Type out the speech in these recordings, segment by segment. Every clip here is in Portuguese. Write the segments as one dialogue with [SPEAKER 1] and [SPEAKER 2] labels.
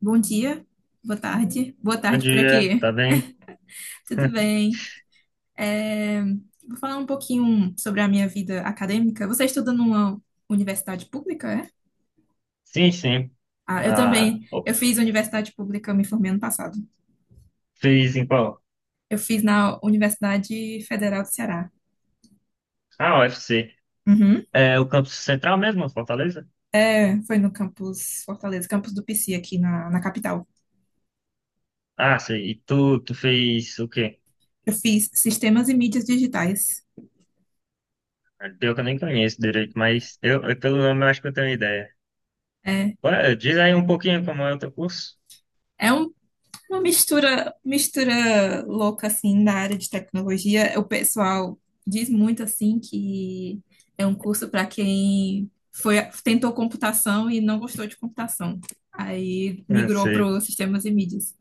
[SPEAKER 1] Bom dia, boa
[SPEAKER 2] Bom
[SPEAKER 1] tarde por
[SPEAKER 2] dia,
[SPEAKER 1] aqui.
[SPEAKER 2] tá bem?
[SPEAKER 1] Tudo bem? É, Vou falar um pouquinho sobre a minha vida acadêmica. Você estuda numa universidade pública, é?
[SPEAKER 2] Sim, sim.
[SPEAKER 1] Ah, eu
[SPEAKER 2] Ah,
[SPEAKER 1] também.
[SPEAKER 2] ó,
[SPEAKER 1] Eu fiz universidade pública, eu me formei ano passado.
[SPEAKER 2] fez em qual?
[SPEAKER 1] Eu fiz na Universidade Federal do Ceará.
[SPEAKER 2] Ah, UFC.
[SPEAKER 1] Uhum.
[SPEAKER 2] É o campus central mesmo, Fortaleza?
[SPEAKER 1] É, foi no campus Fortaleza, campus do PC aqui na capital.
[SPEAKER 2] Ah, sei. E tu fez o quê?
[SPEAKER 1] Eu fiz Sistemas e Mídias Digitais.
[SPEAKER 2] Ah, pior que eu nem conheço direito, mas eu pelo nome eu acho que eu tenho ideia.
[SPEAKER 1] É,
[SPEAKER 2] Ué, diz aí um pouquinho como é o teu curso.
[SPEAKER 1] é um Uma mistura, louca assim na área de tecnologia. O pessoal diz muito assim que é um curso para quem foi tentou computação e não gostou de computação. Aí
[SPEAKER 2] Não
[SPEAKER 1] migrou para
[SPEAKER 2] sei.
[SPEAKER 1] os sistemas e mídias.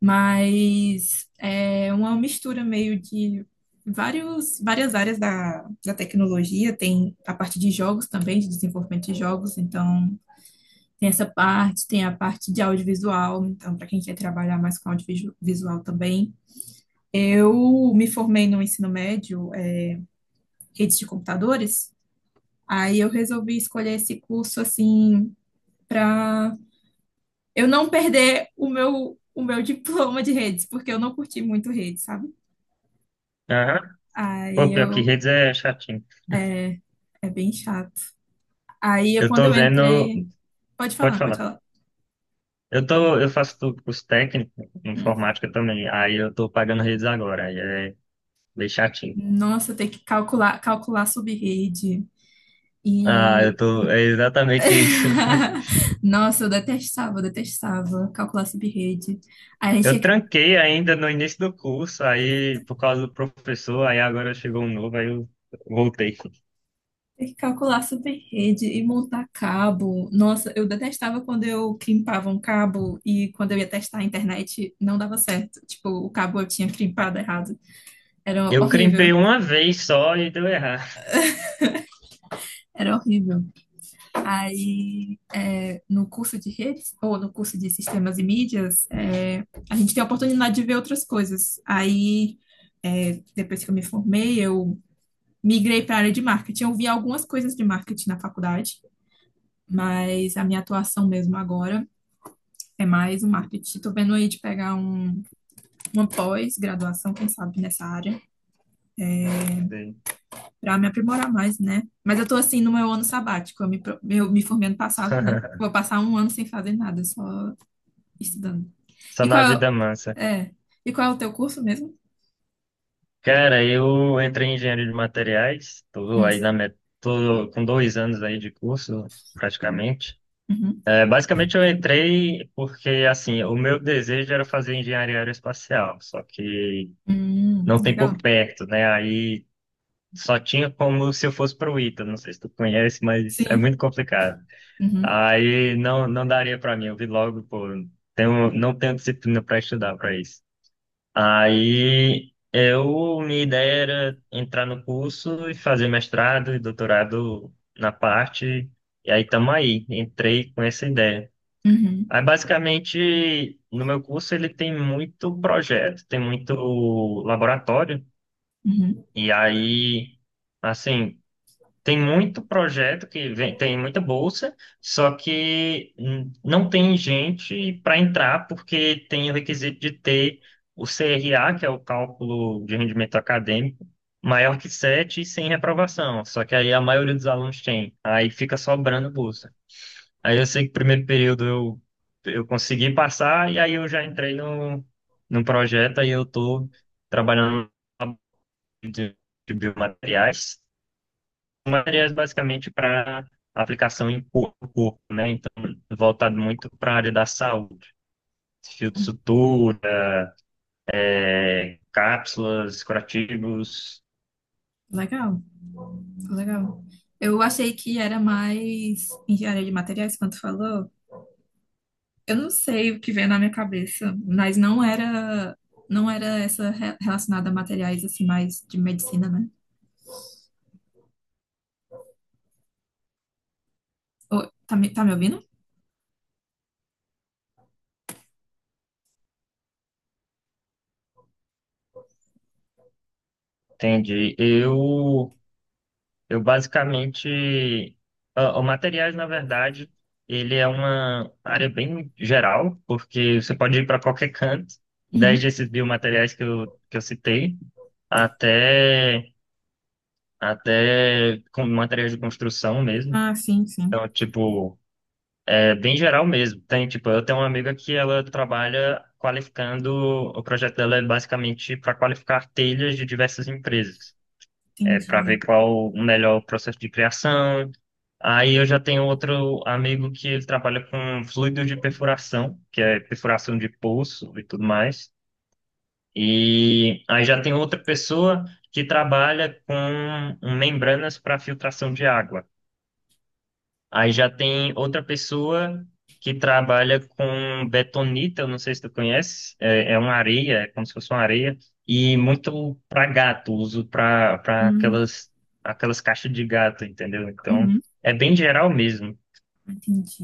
[SPEAKER 1] Mas é uma mistura meio de várias áreas da tecnologia. Tem a parte de jogos também, de desenvolvimento de jogos. Então tem essa parte, tem a parte de audiovisual, então, para quem quer trabalhar mais com audiovisual também. Eu me formei no ensino médio, redes de computadores, aí eu resolvi escolher esse curso assim, para eu não perder o meu diploma de redes, porque eu não curti muito redes, sabe?
[SPEAKER 2] Aham.
[SPEAKER 1] Aí
[SPEAKER 2] Pô, pior que
[SPEAKER 1] eu.
[SPEAKER 2] redes é chatinho.
[SPEAKER 1] É bem chato. Aí eu,
[SPEAKER 2] Eu
[SPEAKER 1] quando
[SPEAKER 2] tô
[SPEAKER 1] eu
[SPEAKER 2] vendo.
[SPEAKER 1] entrei. Pode
[SPEAKER 2] Pode
[SPEAKER 1] falar, pode
[SPEAKER 2] falar.
[SPEAKER 1] falar.
[SPEAKER 2] Eu faço curso técnico em
[SPEAKER 1] Hum.
[SPEAKER 2] informática também. Aí eu tô pagando redes agora. Aí é bem chatinho.
[SPEAKER 1] Nossa, tem que calcular sub rede
[SPEAKER 2] Ah, eu
[SPEAKER 1] e.
[SPEAKER 2] tô. É exatamente isso.
[SPEAKER 1] Nossa, eu detestava calcular sub-rede. Aí a gente tinha
[SPEAKER 2] Eu
[SPEAKER 1] que
[SPEAKER 2] tranquei ainda no início do curso, aí por causa do professor, aí agora chegou um novo, aí eu voltei.
[SPEAKER 1] ter que calcular sub-rede e montar cabo. Nossa, eu detestava quando eu crimpava um cabo e quando eu ia testar a internet não dava certo. Tipo, o cabo eu tinha crimpado errado. Era
[SPEAKER 2] Eu
[SPEAKER 1] horrível,
[SPEAKER 2] crimpei uma vez só e deu errado.
[SPEAKER 1] era horrível. Aí, é, no curso de redes, ou no curso de sistemas e mídias, é, a gente tem a oportunidade de ver outras coisas. Aí, é, depois que eu me formei, eu migrei para a área de marketing. Eu vi algumas coisas de marketing na faculdade, mas a minha atuação mesmo agora é mais o marketing. Estou vendo aí de uma pós-graduação, quem sabe, nessa área,
[SPEAKER 2] Sim.
[SPEAKER 1] para me aprimorar mais, né? Mas eu estou assim no meu ano sabático, eu me formei ano passado, né? Vou passar um ano sem fazer nada, só estudando.
[SPEAKER 2] Só
[SPEAKER 1] E qual
[SPEAKER 2] na
[SPEAKER 1] é,
[SPEAKER 2] vida massa.
[SPEAKER 1] o- é, e qual é o teu curso mesmo?
[SPEAKER 2] Cara, eu entrei em engenharia de materiais,
[SPEAKER 1] Hum,
[SPEAKER 2] tô com 2 anos aí de curso, praticamente.
[SPEAKER 1] uhum.
[SPEAKER 2] É, basicamente eu entrei porque, assim, o meu desejo era fazer engenharia aeroespacial, só que não tem por
[SPEAKER 1] Legal.
[SPEAKER 2] perto, né? Aí só tinha como se eu fosse pro Ita, não sei se tu conhece, mas é
[SPEAKER 1] Sim.
[SPEAKER 2] muito complicado.
[SPEAKER 1] Uhum,
[SPEAKER 2] Aí não, não daria para mim, eu vi logo, pô, não tenho disciplina para estudar para isso. Minha ideia era entrar no curso e fazer mestrado e doutorado na parte, e aí tamo aí, entrei com essa ideia.
[SPEAKER 1] uhum,
[SPEAKER 2] Aí basicamente, no meu curso ele tem muito projeto, tem muito laboratório,
[SPEAKER 1] uhum.
[SPEAKER 2] e aí... Assim, tem muito projeto que vem, tem muita bolsa, só que não tem gente para entrar porque tem o requisito de ter o CRA, que é o cálculo de rendimento acadêmico, maior que 7 e sem reprovação. Só que aí a maioria dos alunos tem, aí fica sobrando bolsa. Aí eu sei que primeiro período eu consegui passar e aí eu já entrei no projeto, aí eu estou trabalhando de de biomateriais. Materiais basicamente para aplicação em corpo, né? Então, voltado muito para a área da saúde. Filtro sutura, é, cápsulas, curativos,
[SPEAKER 1] Legal. Legal. Eu achei que era mais engenharia de materiais, quando tu falou. Eu não sei o que veio na minha cabeça, mas não era essa relacionada a materiais, assim, mais de medicina, né? Ô, tá me ouvindo?
[SPEAKER 2] entende? Eu basicamente... Ó, o materiais, na verdade, ele é uma área bem geral, porque você pode ir para qualquer canto,
[SPEAKER 1] Uhum.
[SPEAKER 2] desde esses biomateriais que eu citei, até, até com materiais de construção mesmo.
[SPEAKER 1] Ah, sim, sim.
[SPEAKER 2] Então, tipo, é bem geral mesmo. Tem, tipo, eu tenho uma amiga que ela trabalha qualificando, o projeto dela é basicamente para qualificar telhas de diversas empresas. É para ver
[SPEAKER 1] Entendi.
[SPEAKER 2] qual o melhor processo de criação. Aí eu já tenho outro amigo que ele trabalha com fluido de perfuração, que é perfuração de poço e tudo mais. E aí já tem outra pessoa que trabalha com membranas para filtração de água. Aí já tem outra pessoa que trabalha com betonita, eu não sei se tu conhece, é, é uma areia, é como se fosse uma areia, e muito para gato, uso para
[SPEAKER 1] Hum,
[SPEAKER 2] aquelas caixas de gato, entendeu? Então,
[SPEAKER 1] uhum.
[SPEAKER 2] é bem geral mesmo.
[SPEAKER 1] Entendi.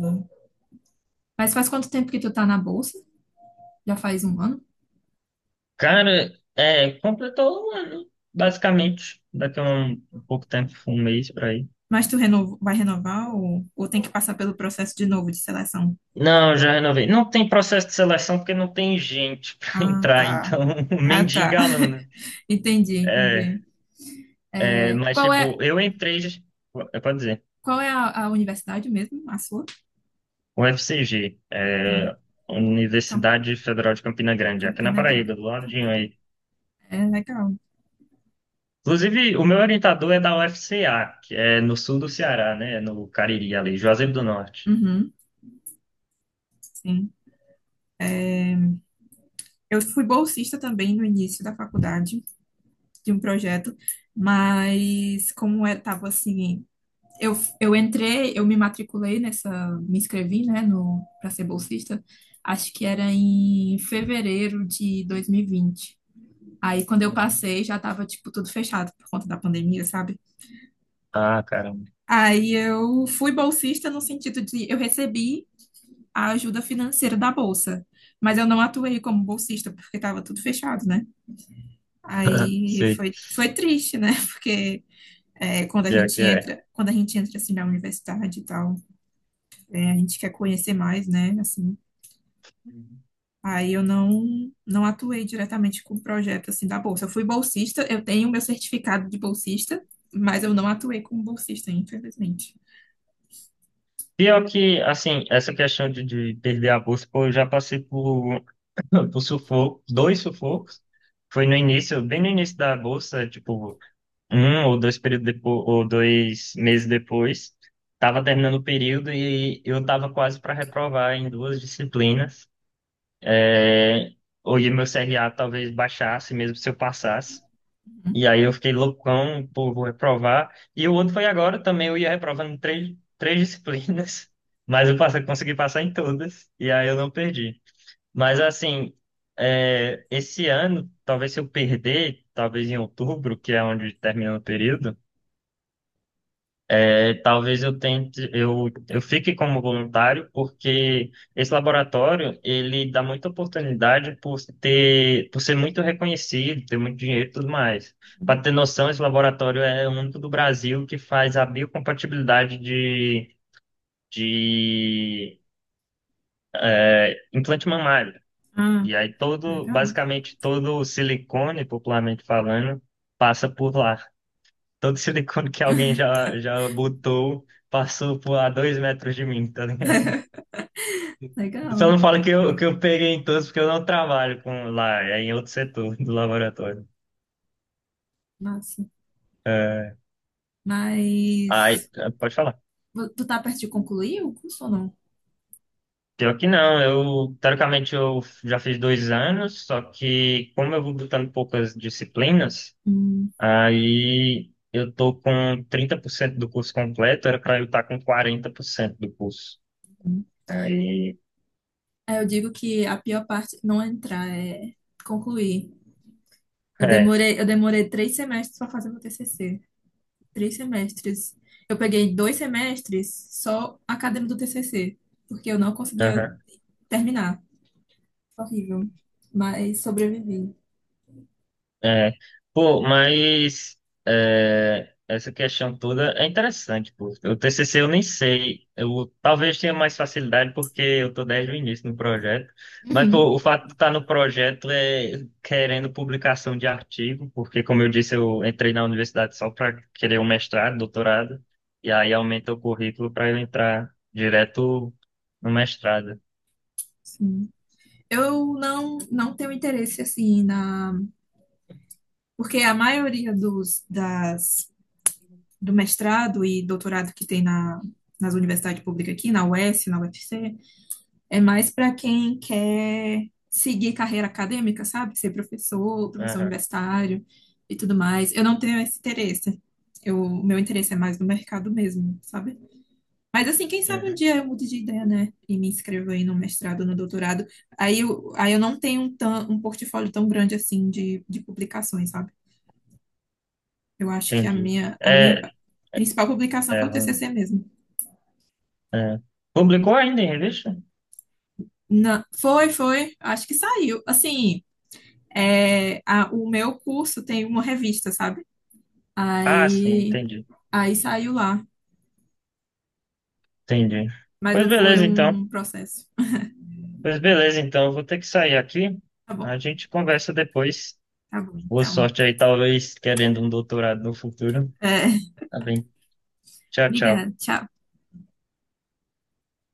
[SPEAKER 1] Mas faz quanto tempo que tu tá na bolsa? Já faz um ano?
[SPEAKER 2] Cara, é, completou um ano, basicamente, daqui a um pouco tempo, um mês para aí.
[SPEAKER 1] Mas vai renovar ou tem que passar pelo processo de novo de seleção?
[SPEAKER 2] Não, já renovei. Não tem processo de seleção porque não tem gente para
[SPEAKER 1] Ah,
[SPEAKER 2] entrar,
[SPEAKER 1] tá.
[SPEAKER 2] então
[SPEAKER 1] Ah, tá.
[SPEAKER 2] mendiga aluno.
[SPEAKER 1] Entendi, entendi. É,
[SPEAKER 2] Mas,
[SPEAKER 1] qual é,
[SPEAKER 2] tipo, eu entrei, eu posso dizer,
[SPEAKER 1] qual é a universidade mesmo? A sua?
[SPEAKER 2] UFCG,
[SPEAKER 1] Hum,
[SPEAKER 2] é,
[SPEAKER 1] Camp-
[SPEAKER 2] Universidade Federal de Campina Grande, aqui na
[SPEAKER 1] Campina Grande.
[SPEAKER 2] Paraíba, do ladinho
[SPEAKER 1] Campi-
[SPEAKER 2] aí.
[SPEAKER 1] É legal.
[SPEAKER 2] Inclusive, o meu orientador é da UFCA, que é no sul do Ceará, né? No Cariri, ali, Juazeiro do Norte.
[SPEAKER 1] Uhum, sim. Eu fui bolsista também no início da faculdade de um projeto, mas como eu tava assim, eu, eu entrei, eu me matriculei nessa, me inscrevi, né, no para ser bolsista. Acho que era em fevereiro de 2020. Aí quando eu
[SPEAKER 2] Uhum.
[SPEAKER 1] passei, já tava tipo tudo fechado por conta da pandemia, sabe?
[SPEAKER 2] Ah, caramba.
[SPEAKER 1] Aí eu fui bolsista no sentido de eu recebi a ajuda financeira da bolsa, mas eu não atuei como bolsista porque estava tudo fechado, né? Aí
[SPEAKER 2] Sei.
[SPEAKER 1] foi triste, né? Porque é,
[SPEAKER 2] Pior que é.
[SPEAKER 1] quando a gente entra assim na universidade e tal, é, a gente quer conhecer mais, né? Assim, aí eu não atuei diretamente com o projeto assim da bolsa. Eu fui bolsista, eu tenho meu certificado de bolsista, mas eu não atuei como bolsista, infelizmente.
[SPEAKER 2] Pior que, assim, essa questão de perder a bolsa, pô, eu já passei por, por sufoco, dois sufocos. Foi no início, bem no início da bolsa, tipo, um ou dois períodos depois, ou 2 meses depois, estava terminando o período e eu estava quase para reprovar em duas disciplinas. É, hoje meu CRA talvez baixasse, mesmo se eu passasse.
[SPEAKER 1] Uhum.
[SPEAKER 2] E aí eu fiquei loucão, pô, vou reprovar. E o outro foi agora também, eu ia reprovando três disciplinas, mas eu passei, consegui passar em todas, e aí eu não perdi. Mas assim, é, esse ano, talvez se eu perder, talvez em outubro, que é onde termina o período, é, talvez eu tente, eu fique como voluntário, porque esse laboratório, ele dá muita oportunidade por ter, por ser muito reconhecido, ter muito dinheiro e tudo mais. Para ter noção, esse laboratório é o único do Brasil que faz a biocompatibilidade de implante mamário.
[SPEAKER 1] Ah,
[SPEAKER 2] E aí todo,
[SPEAKER 1] legal,
[SPEAKER 2] basicamente todo o silicone, popularmente falando, passa por lá. Todo silicone que alguém já botou passou por a 2 metros de mim, tá. Só
[SPEAKER 1] legal.
[SPEAKER 2] não fala que eu peguei em todos, porque eu não trabalho com lá, é em outro setor do laboratório.
[SPEAKER 1] Massa.
[SPEAKER 2] Aí,
[SPEAKER 1] Mas
[SPEAKER 2] pode falar.
[SPEAKER 1] tu tá perto de concluir o curso ou não?
[SPEAKER 2] Pior que não, eu, teoricamente, eu já fiz 2 anos, só que como eu vou botando poucas disciplinas,
[SPEAKER 1] Hum.
[SPEAKER 2] aí eu tô com 30% do curso completo, era pra eu estar com 40% do curso. Aí,
[SPEAKER 1] Aí eu digo que a pior parte não é entrar, é concluir.
[SPEAKER 2] é,
[SPEAKER 1] Eu demorei três semestres para fazer meu TCC. Três semestres. Eu peguei dois semestres só acadêmico do TCC, porque eu não conseguia terminar. Horrível. Mas sobrevivi.
[SPEAKER 2] é, pô, mas é, essa questão toda é interessante, pô. O TCC eu nem sei, eu talvez tenha mais facilidade porque eu tô desde o início no projeto, mas
[SPEAKER 1] Uhum,
[SPEAKER 2] pô, o fato de estar no projeto é querendo publicação de artigo, porque como eu disse, eu entrei na universidade só para querer um mestrado, doutorado, e aí aumenta o currículo para eu entrar direto no mestrado.
[SPEAKER 1] sim. Eu não tenho interesse assim na. Porque a maioria das do mestrado e doutorado que tem na, nas universidades públicas aqui, na UES, na UFC, é mais para quem quer seguir carreira acadêmica, sabe? Ser professor
[SPEAKER 2] Aham,
[SPEAKER 1] universitário e tudo mais. Eu não tenho esse interesse. Eu, o meu interesse é mais no mercado mesmo, sabe? Mas assim, quem sabe um
[SPEAKER 2] uhum,
[SPEAKER 1] dia eu mude de ideia, né? E me inscrevo aí no mestrado, no doutorado. Aí eu não tenho um, tão, um portfólio tão grande assim de publicações, sabe? Eu acho que
[SPEAKER 2] entendi.
[SPEAKER 1] a minha
[SPEAKER 2] É,
[SPEAKER 1] principal publicação foi
[SPEAKER 2] é,
[SPEAKER 1] o TCC mesmo.
[SPEAKER 2] é. Publicou ainda em revista?
[SPEAKER 1] Não, foi. Acho que saiu. Assim, é, o meu curso tem uma revista, sabe?
[SPEAKER 2] Ah, sim,
[SPEAKER 1] Aí,
[SPEAKER 2] entendi.
[SPEAKER 1] aí saiu lá,
[SPEAKER 2] Entendi.
[SPEAKER 1] mas
[SPEAKER 2] Pois
[SPEAKER 1] não foi
[SPEAKER 2] beleza, então.
[SPEAKER 1] um processo.
[SPEAKER 2] Pois beleza, então. Eu vou ter que sair aqui.
[SPEAKER 1] Tá bom,
[SPEAKER 2] A gente conversa depois.
[SPEAKER 1] tá bom,
[SPEAKER 2] Boa
[SPEAKER 1] então.
[SPEAKER 2] sorte aí, talvez querendo um doutorado no futuro.
[SPEAKER 1] É,
[SPEAKER 2] Tá bem. Tchau, tchau.
[SPEAKER 1] obrigada, tchau.